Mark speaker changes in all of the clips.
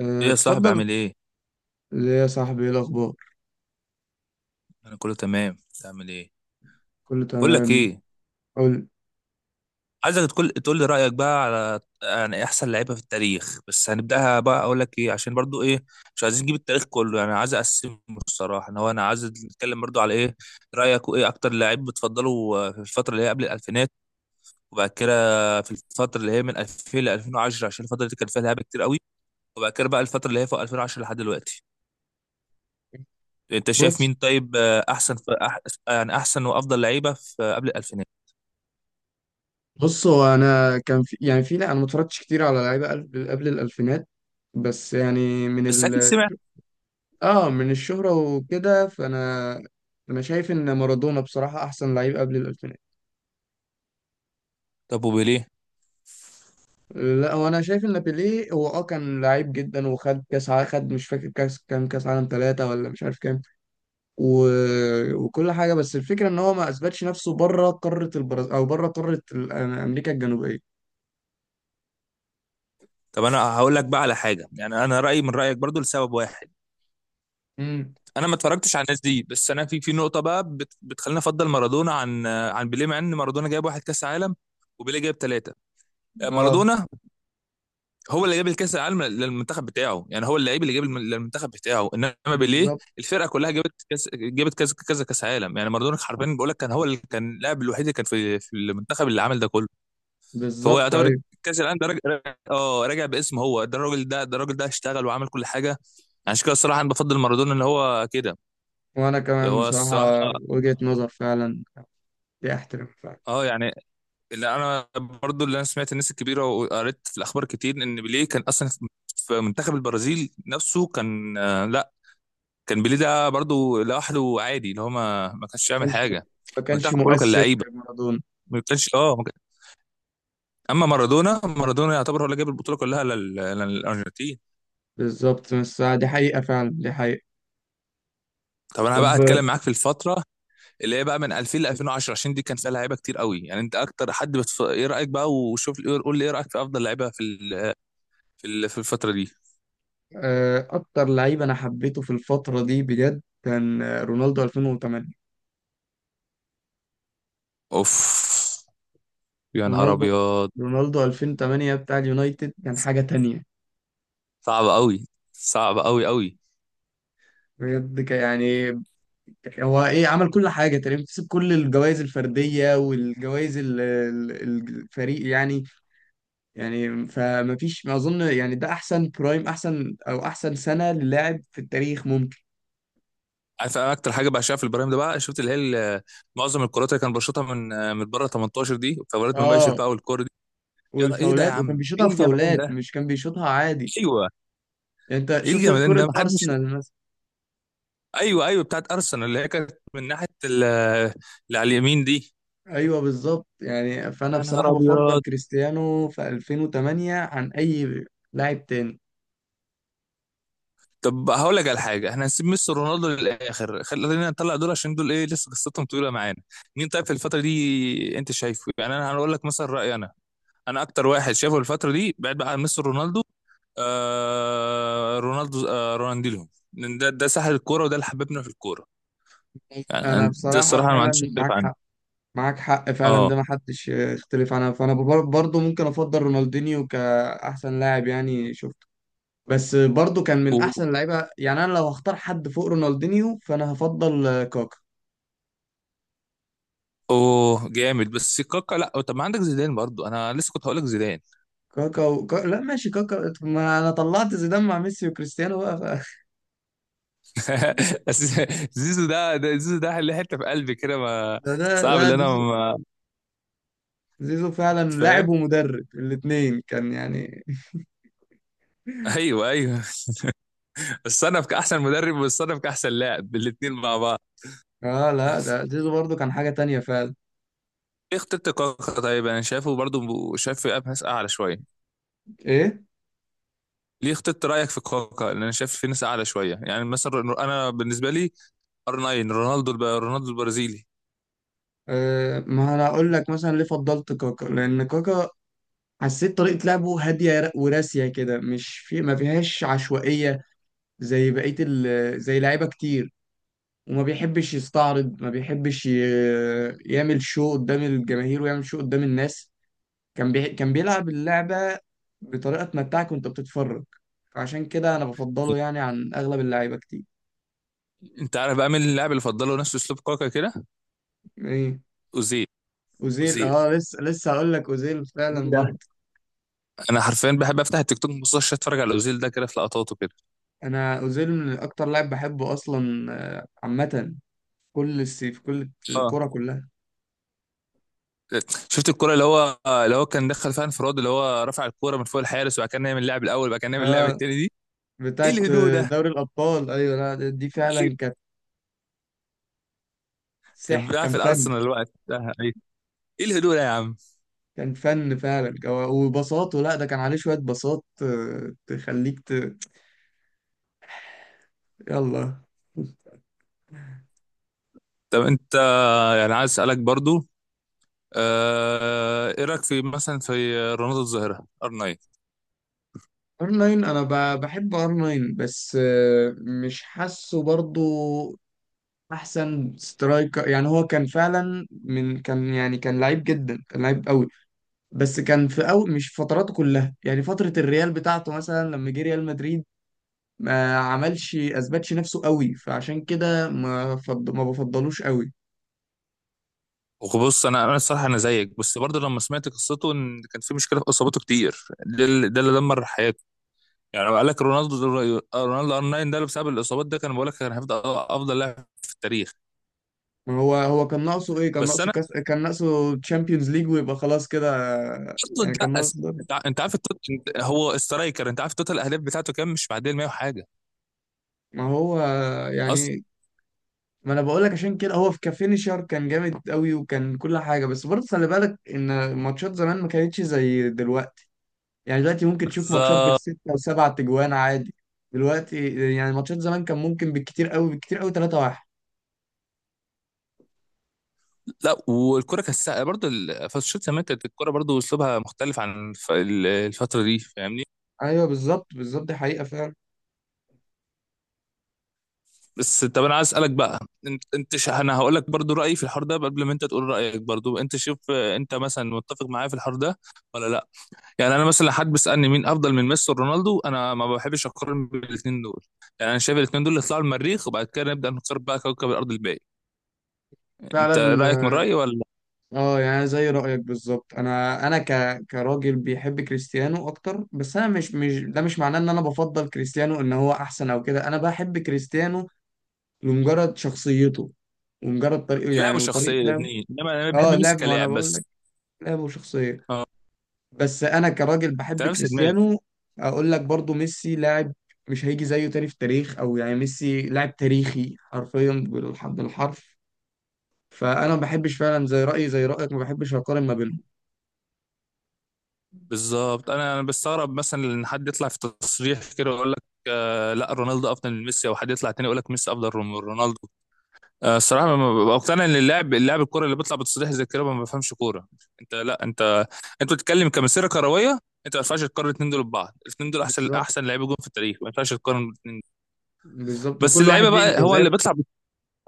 Speaker 1: أه،
Speaker 2: ايه يا صاحبي،
Speaker 1: اتفضل.
Speaker 2: عامل ايه؟
Speaker 1: ليه يا صاحبي ايه الاخبار؟
Speaker 2: انا كله تمام. تعمل ايه؟
Speaker 1: كله
Speaker 2: بقول لك
Speaker 1: تمام.
Speaker 2: ايه،
Speaker 1: قول.
Speaker 2: عايزك تقول لي رايك بقى على يعني احسن لعيبه في التاريخ، بس هنبداها بقى. اقول لك ايه، عشان برضو ايه، مش عايزين نجيب التاريخ كله، يعني عايز اقسمه. الصراحه انا عايز نتكلم برضو على ايه رايك، وايه اكتر لعيب بتفضله في الفتره اللي هي قبل الالفينات، وبعد كده في الفتره اللي هي من 2000 ل 2010، عشان الفتره دي كان فيها لعيبه كتير قوي، وبعد كده بقى الفتره اللي هي فوق 2010 لحد دلوقتي. انت شايف
Speaker 1: بص
Speaker 2: مين طيب؟ احسن في يعني احسن وافضل لعيبه في قبل الالفينات؟
Speaker 1: بص. هو انا كان في لا انا ما اتفرجتش كتير على لعيبه قبل الالفينات، بس يعني من
Speaker 2: بس اكيد
Speaker 1: ال
Speaker 2: سمعت.
Speaker 1: اه من الشهره وكده فانا انا شايف ان مارادونا بصراحه احسن لعيب قبل الالفينات.
Speaker 2: طب وبيليه؟
Speaker 1: لا، هو انا شايف ان بيليه هو كان لعيب جدا، وخد كاس خد مش فاكر كاس كام، كاس عالم 3 ولا مش عارف كام، و... وكل حاجه. بس الفكره ان هو ما اثبتش نفسه بره قاره البرازيل او بره قاره امريكا الجنوبيه.
Speaker 2: طب انا هقول لك بقى على حاجه، يعني انا رايي من رايك برضو لسبب واحد.
Speaker 1: امم.
Speaker 2: انا ما اتفرجتش على الناس دي، بس انا في نقطه بقى بتخليني افضل مارادونا عن بيليه، مع ان مارادونا جايب واحد كاس عالم وبيليه جايب ثلاثه.
Speaker 1: اه.
Speaker 2: مارادونا هو اللي جاب الكاس العالم للمنتخب بتاعه، يعني هو اللعيب اللي للمنتخب بتاعه، انما بيليه
Speaker 1: بالظبط،
Speaker 2: الفرقه كلها جابت كاس، جابت كذا كذا كاس عالم. يعني مارادونا حرفيا، بقول لك كان هو اللي كان اللاعب الوحيد اللي كان في المنتخب اللي عمل ده كله، فهو
Speaker 1: بالظبط،
Speaker 2: يعتبر
Speaker 1: ايوه.
Speaker 2: كاس العالم ده راجع، اه راجع باسم هو، ده الراجل، ده الراجل ده اشتغل وعمل كل حاجه. عشان كده الصراحه انا بفضل مارادونا، اللي هو كده،
Speaker 1: وانا
Speaker 2: اللي
Speaker 1: كمان
Speaker 2: هو
Speaker 1: بصراحه،
Speaker 2: الصراحه،
Speaker 1: وجهه نظر فعلا دي، احترم فعلا.
Speaker 2: اه يعني، اللي انا سمعت الناس الكبيره، وقريت في الاخبار كتير، ان بيليه كان اصلا في منتخب البرازيل نفسه، كان لا، كان بيليه ده برضو لوحده عادي، اللي هو ما
Speaker 1: ما
Speaker 2: كانش يعمل
Speaker 1: كانش
Speaker 2: حاجه،
Speaker 1: ما كانش
Speaker 2: المنتخب كله كان
Speaker 1: مؤثر
Speaker 2: لعيبه،
Speaker 1: زي مارادونا.
Speaker 2: ما كانش، ما كان-، اما مارادونا، مارادونا يعتبر هو اللي جاب البطوله كلها للارجنتين.
Speaker 1: بالظبط، بس دي حقيقه فعلا، دي حقيقه.
Speaker 2: طب انا بقى
Speaker 1: طب،
Speaker 2: هتكلم معاك في الفتره اللي هي بقى من 2000 ل 2010، عشان دي كان فيها لعيبه كتير قوي، يعني انت اكتر حد ايه رايك بقى وشوف. قول لي ايه رايك في افضل لعيبه في الفتره دي؟
Speaker 1: اكتر لعيب انا حبيته في الفتره دي بجد كان رونالدو 2008.
Speaker 2: اوف، يا نهار
Speaker 1: رونالدو
Speaker 2: ابيض،
Speaker 1: رونالدو 2008 بتاع اليونايتد كان حاجه تانية
Speaker 2: صعب قوي، صعب قوي قوي.
Speaker 1: بجد، يعني هو ايه، عمل كل حاجه تقريبا، كسب كل الجوائز الفرديه والجوائز الفريق يعني. يعني فما فيش ما اظن، يعني ده احسن برايم، احسن او احسن سنه للاعب في التاريخ ممكن.
Speaker 2: عارف انا اكتر حاجه بعشقها في البرايم ده بقى؟ شفت اللي هي ال- معظم الكرات اللي كان بيشوطها من بره 18، دي فبرات مباشر
Speaker 1: اه،
Speaker 2: بقى، والكوره دي ايه ده يا
Speaker 1: والفاولات، وكان
Speaker 2: عم،
Speaker 1: بيشوطها
Speaker 2: ايه الجمدان
Speaker 1: بفاولات،
Speaker 2: ده؟
Speaker 1: مش كان بيشوطها عادي.
Speaker 2: ايوه،
Speaker 1: يعني انت
Speaker 2: ايه
Speaker 1: شفت
Speaker 2: الجمدان
Speaker 1: كره
Speaker 2: ده، محدش.
Speaker 1: ارسنال مثلا.
Speaker 2: ايوه، ايوه، بتاعت ارسنال، اللي هي كانت من ناحيه اللي على اليمين دي.
Speaker 1: ايوه بالظبط. يعني فانا
Speaker 2: يا نهار
Speaker 1: بصراحه بفضل
Speaker 2: ابيض!
Speaker 1: كريستيانو في 2008 عن اي لاعب تاني.
Speaker 2: طب هقول لك على حاجه، احنا هنسيب ميسي ورونالدو للاخر، خلينا نطلع دول، عشان دول ايه، لسه قصتهم طويله معانا. مين طيب في الفتره دي انت شايفه؟ يعني انا هقول لك مثلا رايي، انا انا اكتر واحد شايفه الفتره دي بعد بقى عن ميسي ورونالدو، آه رونالدو آه رونالدينيو، لأن ده ساحر الكوره، وده اللي حببنا في الكوره. يعني
Speaker 1: انا
Speaker 2: ده
Speaker 1: بصراحه
Speaker 2: الصراحه انا ما عنديش
Speaker 1: فعلا
Speaker 2: اختلاف
Speaker 1: معاك
Speaker 2: عنه.
Speaker 1: حق. معاك حق فعلا،
Speaker 2: اه،
Speaker 1: ده ما حدش يختلف عنها. فانا برضو ممكن افضل رونالدينيو كاحسن لاعب يعني شفته. بس برضو كان
Speaker 2: و...
Speaker 1: من احسن اللعيبه. يعني انا لو هختار حد فوق رونالدينيو فانا هفضل كاكا.
Speaker 2: اوه جامد، بس كاكا لا، طب ما عندك زيدان، برضو انا لسه كنت هقول لك زيدان.
Speaker 1: لا ماشي كاكا، ما انا طلعت زيدان مع ميسي وكريستيانو بقى
Speaker 2: بس زيزو ده زيزو، ده اللي حته في قلبي كده، ما
Speaker 1: ده ده
Speaker 2: صعب،
Speaker 1: لا،
Speaker 2: اللي انا
Speaker 1: زيزو.
Speaker 2: ما،
Speaker 1: زيزو فعلا
Speaker 2: فاهم.
Speaker 1: لاعب ومدرب، الاثنين كان يعني
Speaker 2: ايوه، ايوه. الصنف كاحسن مدرب، والصنف كاحسن لاعب، الاثنين مع بعض.
Speaker 1: اه لا، ده زيزو برضو كان حاجه تانية فعلا.
Speaker 2: ليه اخترت كوكا، طيب انا شايفه برضو، شايف في ناس اعلى شويه،
Speaker 1: ايه؟
Speaker 2: ليه اخترت؟ رايك في كوكا، لان انا شايف في ناس اعلى شويه، يعني مثلا انا بالنسبه لي ار 9، رونالدو رونالدو البرازيلي.
Speaker 1: ما انا اقول لك مثلا ليه فضلت كاكا، لان كاكا حسيت طريقة لعبه هادية وراسية كده، مش في ما فيهاش عشوائية زي زي لعيبة كتير. وما بيحبش يستعرض، ما بيحبش يعمل شو قدام الجماهير ويعمل شو قدام الناس. كان بيلعب اللعبة بطريقة تمتعك وانت بتتفرج. فعشان كده انا بفضله يعني عن اغلب اللعيبة كتير.
Speaker 2: انت عارف بقى مين اللاعب اللي فضله نفس اسلوب كوكا كده؟
Speaker 1: ايه؟
Speaker 2: اوزيل.
Speaker 1: اوزيل،
Speaker 2: اوزيل
Speaker 1: اه، لسه هقول لك اوزيل
Speaker 2: مين
Speaker 1: فعلا
Speaker 2: ده؟
Speaker 1: برضه.
Speaker 2: انا حرفيا بحب افتح التيك توك، ما بصش، اتفرج على اوزيل ده كده في لقطاته كده.
Speaker 1: انا اوزيل من اكتر لاعب بحبه اصلا، عامة، كل السي في كل
Speaker 2: اه،
Speaker 1: الكرة كلها.
Speaker 2: شفت الكرة اللي هو كان دخل فيها انفراد، اللي هو رفع الكرة من فوق الحارس، وبعد كده نعمل اللاعب الاول، وبعد كده نعمل اللاعب
Speaker 1: اه،
Speaker 2: التاني دي؟ ايه
Speaker 1: بتاعت
Speaker 2: الهدوء ده؟
Speaker 1: دوري الأبطال. أيوة، لا دي
Speaker 2: ايوه،
Speaker 1: فعلا كانت
Speaker 2: كان
Speaker 1: سح،
Speaker 2: بيلعب
Speaker 1: كان
Speaker 2: في
Speaker 1: فن.
Speaker 2: الارسنال الوقت ده. أيوة. ايه الهدوء ده يا عم؟
Speaker 1: كان فن فعلا، وبساطه. لا ده كان عليه شوية بساط، تخليك يلا.
Speaker 2: طب انت، يعني عايز اسالك برضو، ايه رايك في مثلا في رونالدو الظاهره ار 9؟
Speaker 1: ار 9، انا بحب ار 9، بس مش حاسه برضو احسن سترايكر. يعني هو كان فعلا من كان، يعني كان لعيب جدا، كان لعيب قوي، بس كان في أول، مش في فتراته كلها. يعني فترة الريال بتاعته مثلا لما جه ريال مدريد ما عملش، اثبتش نفسه قوي، فعشان كده ما بفضلوش قوي.
Speaker 2: وبص، انا الصراحه انا زيك، بس برضو لما سمعت قصته ان كان في مشكله في اصاباته كتير، ده اللي، دمر حياته. يعني لو قال لك رونالدو، رونالدو ار 9 ده اللي بسبب الاصابات ده، كان بقول لك كان هيفضل افضل لاعب في التاريخ.
Speaker 1: ما هو، هو كان ناقصه ايه؟ كان
Speaker 2: بس
Speaker 1: ناقصه كاس، كان ناقصه تشامبيونز ليج، ويبقى خلاص كده.
Speaker 2: اصلا
Speaker 1: يعني
Speaker 2: لا،
Speaker 1: كان
Speaker 2: أس...،
Speaker 1: ناقصه ده.
Speaker 2: انت عارف التوت...، انت، هو سترايكر، انت عارف توتال الاهداف بتاعته كام؟ مش معديه ال 100 وحاجه،
Speaker 1: ما هو،
Speaker 2: اصلا.
Speaker 1: يعني ما انا بقول لك، عشان كده هو في كفينيشر كان جامد قوي، وكان كل حاجه. بس برضه خلي بالك ان ماتشات زمان ما كانتش زي دلوقتي. يعني دلوقتي ممكن تشوف ماتشات
Speaker 2: بالظبط.
Speaker 1: بالستة وسبعة تجوان عادي. دلوقتي، يعني ماتشات زمان كان ممكن بالكتير قوي، بالكتير قوي، 3-1.
Speaker 2: لا، والكره كساء برضه فالشوط زمان كانت الكره برضه اسلوبها مختلف عن الفتره دي، فاهمني؟
Speaker 1: ايوه، بالظبط، بالظبط، دي حقيقة فعلا.
Speaker 2: بس طب انا عايز اسالك بقى، انت انت ش...، انا هقول لك برضه رايي في الحوار ده قبل ما انت تقول رايك، برضه انت شوف، انت مثلا متفق معايا في الحوار ده ولا لا؟ يعني انا مثلا لو حد بيسالني مين افضل من ميسي ورونالدو، انا ما بحبش اقارن بين الاثنين دول، يعني انا شايف الاثنين دول يطلعوا المريخ، وبعد كده نبدا نختار بقى كوكب الارض الباقي. انت رايك من
Speaker 1: فعلا.
Speaker 2: رايي ولا؟
Speaker 1: اه، يعني زي رأيك بالظبط. كراجل بيحب كريستيانو اكتر، بس انا مش مش ده مش معناه ان انا بفضل كريستيانو ان هو احسن او كده. انا بحب كريستيانو لمجرد شخصيته، ومجرد طريقه يعني،
Speaker 2: لعبه،
Speaker 1: وطريقة
Speaker 2: شخصيه،
Speaker 1: لعبه.
Speaker 2: الاثنين، انما انا
Speaker 1: اه،
Speaker 2: بحب ميسي
Speaker 1: لعب، ما انا
Speaker 2: كلاعب
Speaker 1: بقول لك،
Speaker 2: بس.
Speaker 1: لعبه وشخصية، بس انا كراجل
Speaker 2: انت
Speaker 1: بحب
Speaker 2: نفس دماغي
Speaker 1: كريستيانو. اقول لك برضو ميسي لاعب مش هيجي زيه تاني في التاريخ، او يعني ميسي لاعب تاريخي حرفيا، بالحرف بالحرف. فانا ما بحبش فعلا، زي رأيي زي رأيك، ما بحبش اقارن ما بينهم.
Speaker 2: بالظبط. انا بستغرب مثلا ان حد يطلع في تصريح كده ويقول لك آه لا، رونالدو افضل من ميسي، او حد يطلع تاني يقول لك ميسي افضل من رونالدو. آه، الصراحه ما ببقى مقتنع ان اللاعب، الكوره اللي بيطلع بتصريح زي كده ما بفهمش كوره. انت، لا انت، انت بتتكلم كمسيره كرويه، انت ما ينفعش تقارن الاثنين دول ببعض، الاثنين دول احسن،
Speaker 1: بالظبط،
Speaker 2: احسن لعيبه جون في التاريخ، ما ينفعش تقارن الاثنين.
Speaker 1: بالظبط،
Speaker 2: بس
Speaker 1: وكل واحد
Speaker 2: اللعيبه
Speaker 1: ليه
Speaker 2: بقى هو اللي
Speaker 1: انجازات.
Speaker 2: بيطلع،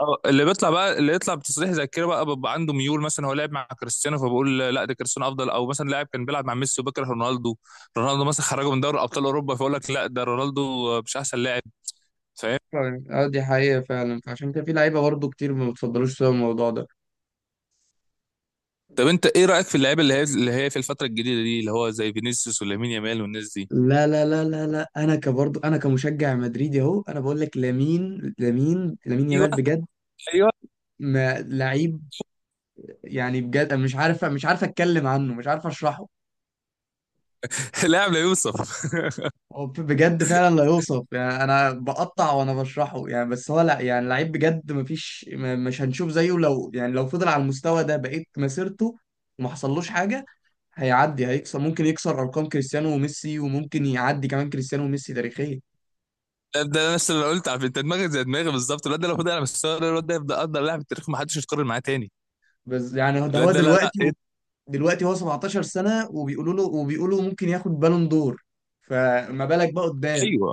Speaker 2: اه، اللي بيطلع بقى، اللي يطلع بتصريح زي كده بقى بيبقى عنده ميول، مثلا هو لعب مع كريستيانو فبقول لا، ده كريستيانو افضل، او مثلا لاعب كان بيلعب مع ميسي وبكره رونالدو، رونالدو مثلا خرجه من دوري ابطال اوروبا، فيقول لك لا، ده رونالدو مش احسن لاعب. فاهم؟
Speaker 1: فعلا، اه دي حقيقة فعلا. فعشان كده في لعيبة برضه كتير ما بتفضلوش سوا الموضوع ده.
Speaker 2: طب انت ايه رايك في اللعيبه اللي هي في الفتره الجديده دي، اللي هو زي فينيسيوس ولامين يامال والناس دي؟
Speaker 1: لا لا لا لا لا، انا كبرضه، انا كمشجع مدريدي اهو، انا بقول لك، لامين
Speaker 2: ايوه،
Speaker 1: يامال بجد،
Speaker 2: ايوه.
Speaker 1: ما لعيب، يعني بجد أنا مش عارف اتكلم عنه، مش عارف اشرحه.
Speaker 2: لاعب لا يوصف.
Speaker 1: هو بجد فعلا لا يوصف. يعني انا بقطع وانا بشرحه، يعني بس هو، لا يعني، لعيب بجد، مفيش مش هنشوف زيه لو، يعني لو فضل على المستوى ده بقيت مسيرته وما حصلوش حاجه، هيعدي، هيكسر، ممكن يكسر ارقام كريستيانو وميسي، وممكن يعدي كمان كريستيانو وميسي تاريخيا.
Speaker 2: ده نفس اللي أنا قلت، عارف انت دماغك زي دماغي بالظبط، الواد ده لو فضل على مستوى الواد ده يبقى افضل لاعب في التاريخ، ما حدش يتقارن معاه تاني.
Speaker 1: بس يعني ده
Speaker 2: لا،
Speaker 1: هو
Speaker 2: ده لا لا،
Speaker 1: دلوقتي
Speaker 2: إيه ده؟
Speaker 1: دلوقتي هو 17 سنه، وبيقولوا له، وبيقولوا ممكن ياخد بالون دور، فما بالك بقى قدام.
Speaker 2: ايوه.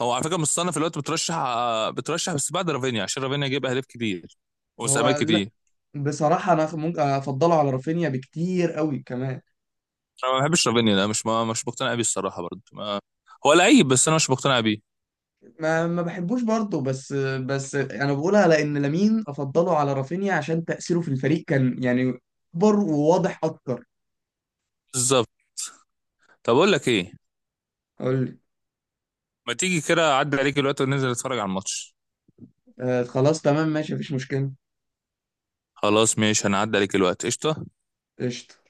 Speaker 2: هو على فكره مصنف الوقت بترشح، بس بعد رافينيا، عشان رافينيا جايب اهداف كتير
Speaker 1: هو
Speaker 2: وساهمات
Speaker 1: لا،
Speaker 2: كتير.
Speaker 1: بصراحه انا ممكن افضله على رافينيا بكتير قوي كمان.
Speaker 2: انا ما بحبش رافينيا ده، مش، ما مش مقتنع بيه الصراحه، برضه ما، هو لعيب بس انا مش مقتنع بيه.
Speaker 1: ما بحبوش برضه بس انا بقولها لان لامين افضله على رافينيا عشان تاثيره في الفريق كان يعني اكبر وواضح اكتر.
Speaker 2: بالظبط. طب اقول لك ايه،
Speaker 1: اقول لي.
Speaker 2: ما تيجي كده اعدي عليك الوقت وننزل نتفرج على الماتش؟
Speaker 1: آه، خلاص تمام، ماشي، مفيش مشكله.
Speaker 2: خلاص ماشي، هنعدي عليك الوقت، قشطه.
Speaker 1: قشطه.